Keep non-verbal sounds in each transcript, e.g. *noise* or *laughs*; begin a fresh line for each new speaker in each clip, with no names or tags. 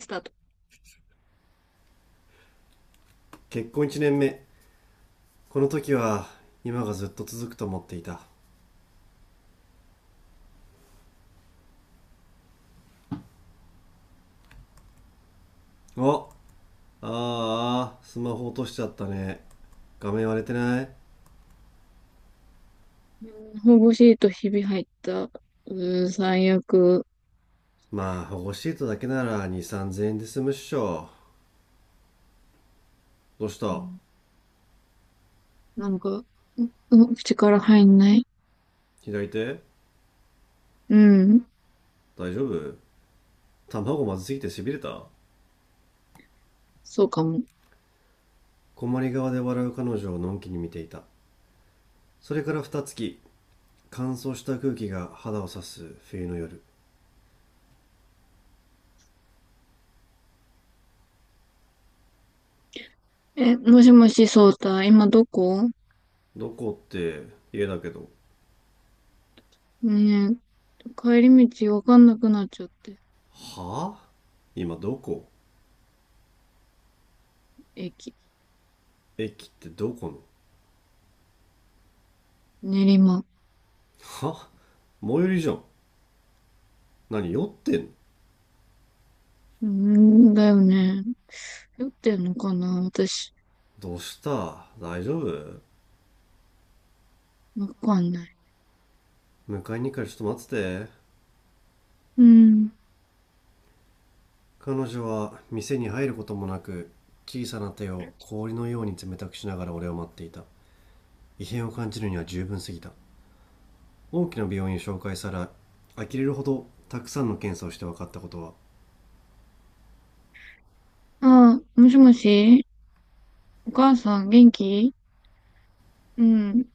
スタート。
結婚1年目。この時は今がずっと続くと思っていた。お、ああスマホ落としちゃったね。画面割れてない？
う保護シートひび入った。うーん、最悪。
まあ保護シートだけなら23,000円で済むっしょ。どうし
う
た？
んなんか、うん、口から入んない。
左手、
うん、
大丈夫？卵まずすぎてしびれた。
そうかも。
困り側で笑う彼女をのんきに見ていた。それから二月、乾燥した空気が肌を刺す冬の夜。
え、もしもし、そうた、今どこ？
どこって、家だけど。
ねえ、帰り道わかんなくなっちゃって。
はぁ、今どこ？
駅、
駅ってどこの？
練馬。
は、最寄りじゃん。何酔ってんの？
うん、だよね。酔ってんのかな私、
どうした、大丈夫？
わかんない。
迎えに行くからちょっと待ってて。
うん。
彼女は店に入ることもなく、小さな手を氷のように冷たくしながら俺を待っていた。異変を感じるには十分すぎた。大きな病院を紹介され、呆れるほどたくさんの検査をして分かったことは、
ああ、もしもし、お母さん元気？うん。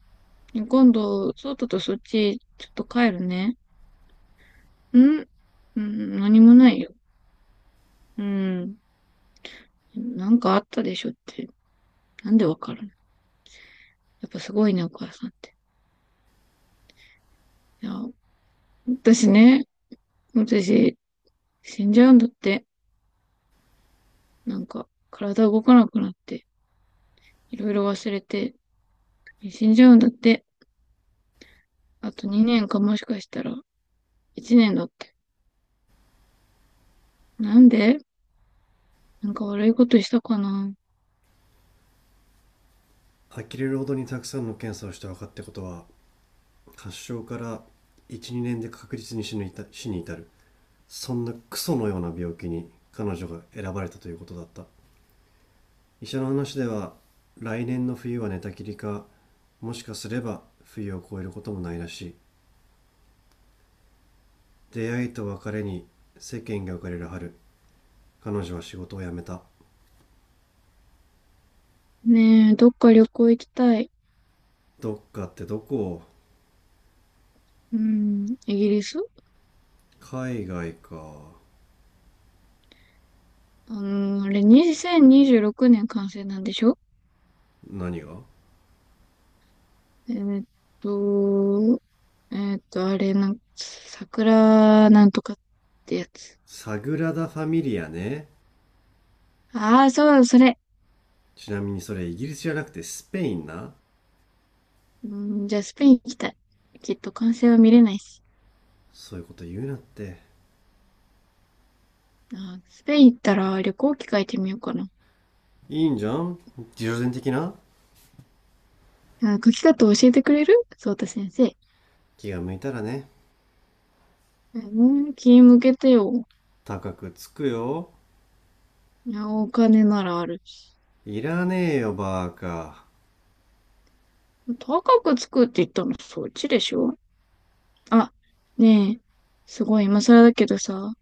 今度、そうたとそっち、ちょっと帰るね。ん、うん、何もないよ。うん。なんかあったでしょって。なんでわかるの？やっぱすごいね、お母さんって。いや、私ね、私、死んじゃうんだって。なんか、体動かなくなって、いろいろ忘れて、死んじゃうんだって。あと2年か、もしかしたら、1年だって。なんで？なんか悪いことしたかな？
呆れるほどにたくさんの検査をして分かったことは、発症から12年で確実に死に至る、そんなクソのような病気に彼女が選ばれたということだった。医者の話では、来年の冬は寝たきりか、もしかすれば冬を越えることもないらしい。出会いと別れに世間が浮かれる春、彼女は仕事を辞めた。
ねえ、どっか旅行行きたい。
どっかってどこ？
うん、イギリス。
海外か。
あのあれ、2026年完成なんでしょ？
何が？
えーっと、あれ、なん、桜なんとかってやつ。
サグラダ・ファミリアね。
ああ、そう、それ。
ちなみにそれイギリスじゃなくてスペインな。
うん、じゃあ、スペイン行きたい。きっと完成は見れないし。
そういうこと言うなって。
あー、スペイン行ったら旅行機書いてみようかな。
いいんじゃん、自助伝的な。
あー、書き方教えてくれるそうた先生。
気が向いたらね。
うん、気向けてよ。
高くつくよ。
いやお金ならあるし。
いらねえよ、バーカ。
高くつくって言ったの、そっちでしょ？あ、ねえ、すごい今更だけどさ、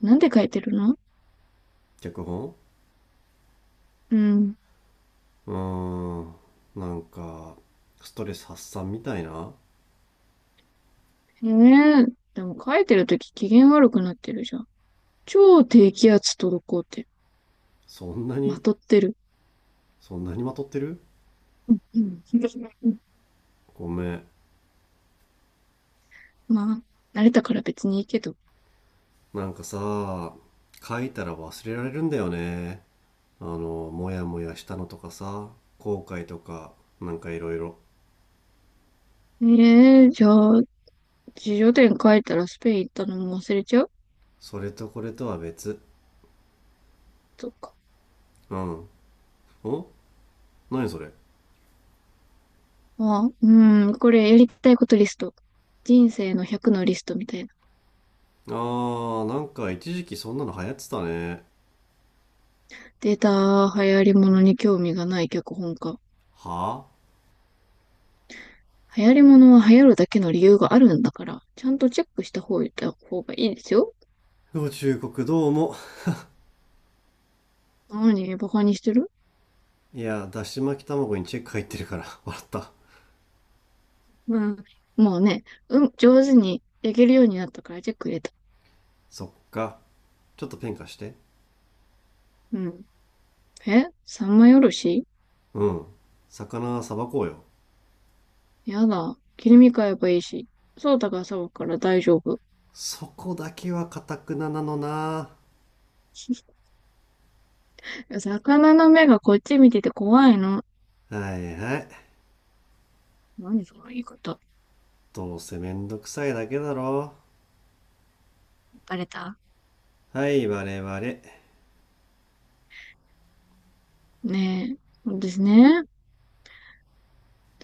なんで書いてるの？
脚本。
うん。
うーん。なんか、ストレス発散みたいな。
ねえ。でも書いてるとき機嫌悪くなってるじゃん。超低気圧とこうって、
そんな
ま
に、
とってる。
そんなにまとってる？
うん、うん。うん、
ごめん。
ま慣れたから別にいいけど。
なんかさ、書いたら忘れられるんだよね。あの、もやもやしたのとかさ、後悔とか、なんかいろいろ。
ええ、じゃあ、自叙伝書いたらスペイン行ったのも忘れちゃう？
それとこれとは別。
そっか。
うん。お、何それ？
ああ、うん、これやりたいことリスト。人生の100のリストみたいな。
あー、なんか一時期そんなの流行ってたね。
データ、流行り物に興味がない脚本家。
はあ。
流行り物は流行るだけの理由があるんだから、ちゃんとチェックした方がいいですよ。
宇宙国どうも。
何、バカにしてる？
いや、だし巻き卵にチェック入ってるから *laughs* 笑った。
うん。もうね、うん、上手に焼けるようになったからチェック入れた。
そっか。ちょっとペン貸して。
うん。え、三枚おろし？
うん。魚さばこうよ。
やだ。切り身買えばいいし。そうたが騒ぐから大丈夫。
そこだけはかたくななのな。
*laughs* 魚の目がこっち見てて怖いの。
はいはい。
何その言い方。
どうせめんどくさいだけだろ。
バレた？
はい、我々。
ねえ。そうですね。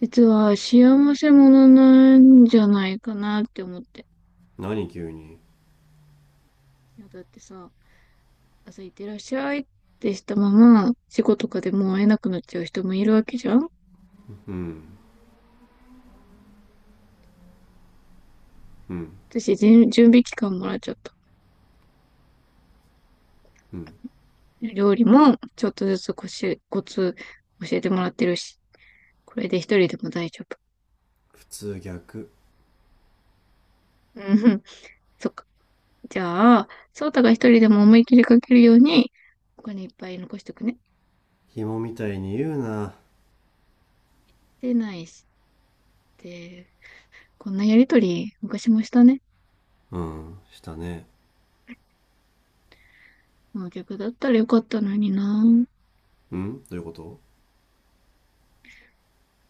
実は幸せ者なんじゃないかなって思って。
何急に？
いや、だってさ、朝行ってらっしゃいってしたまま、仕事とかでもう会えなくなっちゃう人もいるわけじゃん。
うん、うん、
私、準備期間もらっちゃった。
うん。
料理も、ちょっとずつ、コツ教えてもらってるし、これで一人でも大丈夫。
普通逆。
うん、そっか。じゃあ、翔太が一人でも思い切りかけるように、お金いっぱい残しておくね。
紐みたいに言うな。
でないし、で、こんなやりとり、昔もしたね。
うん、したね。
もう逆だったらよかったのにな。
うん、どういうこと？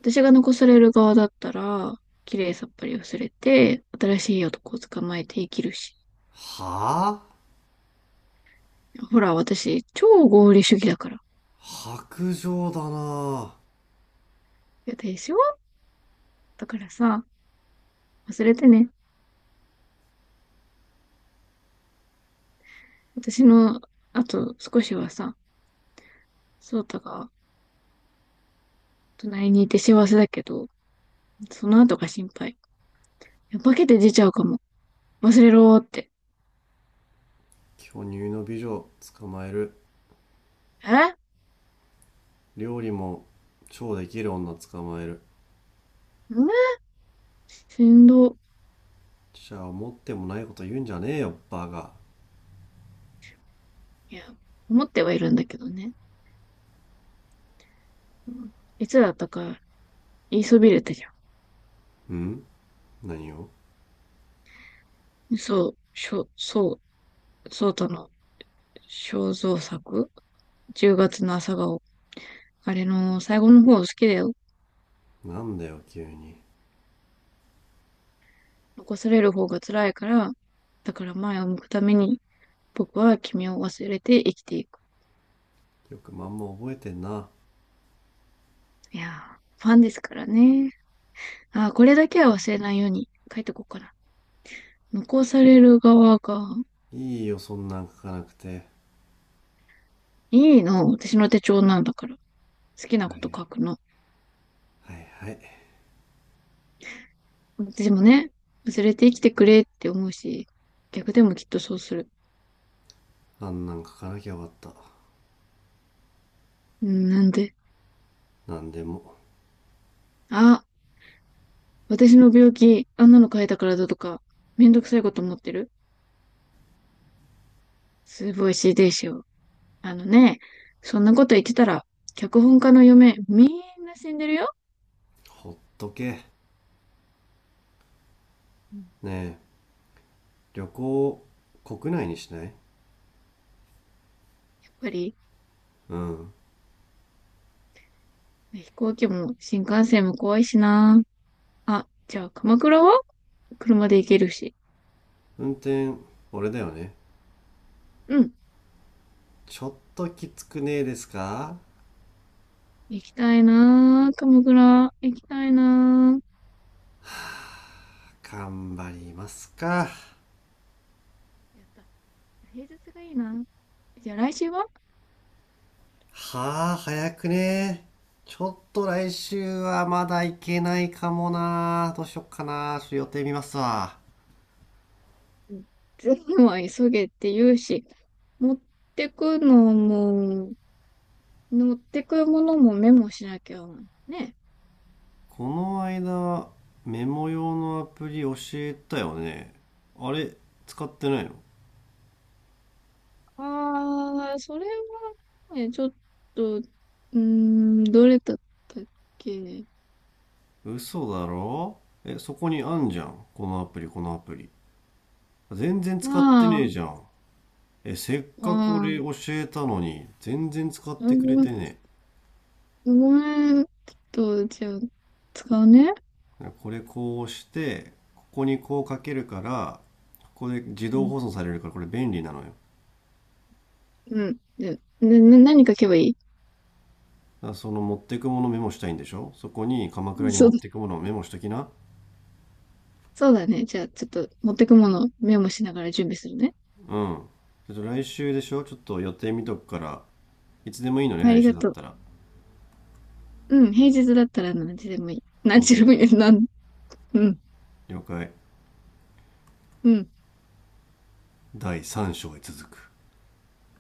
私が残される側だったら、綺麗さっぱり忘れて、新しい男を捕まえて生きるし。
はぁあ。
ほら、私、超合理主義だから。
白状だな。
や、でしょ？だからさ、忘れてね。私の、あと少しはさ、ソータが隣にいて幸せだけど、その後が心配。いや化けて出ちゃうかも。忘れろーって。
巨乳の美女捕まえる。
え、
料理も超できる女捕まえる。
うん、しんど。
じゃあ思ってもないこと言うんじゃねえよ、バカ。
いや、思ってはいるんだけどね。うん、いつだったか言いそびれたじゃ
うん、何を？
ん。そう、しょ、そう、ソータの肖像作 ?10 月の朝顔。あれの最後の方好きだよ。
なんだよ急に。
残される方が辛いから、だから前を向くために僕は君を忘れて生きていく。
よくまんま覚えてんな。
いやー、ファンですからね。あー、これだけは忘れないように書いとこうかな。残される側が、
いいよそんなん書かなくて。
いいの。私の手帳なんだから。好きな
は
こ
い
と書くの。
はいはい。
でもね、忘れて生きてくれって思うし、逆でもきっとそうする。
あんなん書かなきゃよかった。
うん、なんで。
なんでも。
あ、私の病気、あんなの書いたからだとか、めんどくさいこと思ってる？すごい CD しよ。あのね、そんなこと言ってたら、脚本家の嫁、みんな死んでるよ。
ほっとけ。
うん、
ねえ、旅行、国内にしない？
やっぱり、
うん。
飛行機も新幹線も怖いしな。あ、じゃあ鎌倉は車で行けるし。
運転、俺だよね。
うん。
ちょっときつくねえですか？
行きたいな。鎌倉、行きたいな。
頑張りますか。
やった。平日がいいな。じゃあ来週は？
はあ、早くねえ？ちょっと来週はまだ行けないかもな。どうしよっかな。ちょっと予定見ますわ。
うん、全部は急げって言うし、持ってくのも、持ってくものもメモしなきゃね。
この間、メモ用のアプリ教えたよね。あれ、使ってないの？
ああ、それはね、ちょっと、うーん、どれだったっけ？
嘘だろ。え、そこにあんじゃん。このアプリ、このアプリ。全然
ま
使ってねえ
あ、
じゃん。え、せっ
あ
かく俺
ー、
教えたのに、全然使っ
ご
てくれ
めん、
てねえ。
ごめん、ちょっと、じゃあ、使うね。
これこうしてここにこうかけるから、ここで自
う
動
ん。
保存されるからこれ便利なのよ。だ
うん。で、で、な何書けばいい？
からその持ってくものメモしたいんでしょ。そこに鎌倉に
そ
持
う
っ
だ、
てくものをメモしときな。
そうだね。じゃあ、ちょっと、持ってくもの、メモしながら準備するね。
うん、ちょっと来週でしょ。ちょっと予定見とくから、いつでもいいのね
あ
来
りが
週だっ
とう。
たら。
うん、平日だったら何時でもいい。何時で
OK、
もいい。なん、うん、
了解。
うん。
第3章へ続く。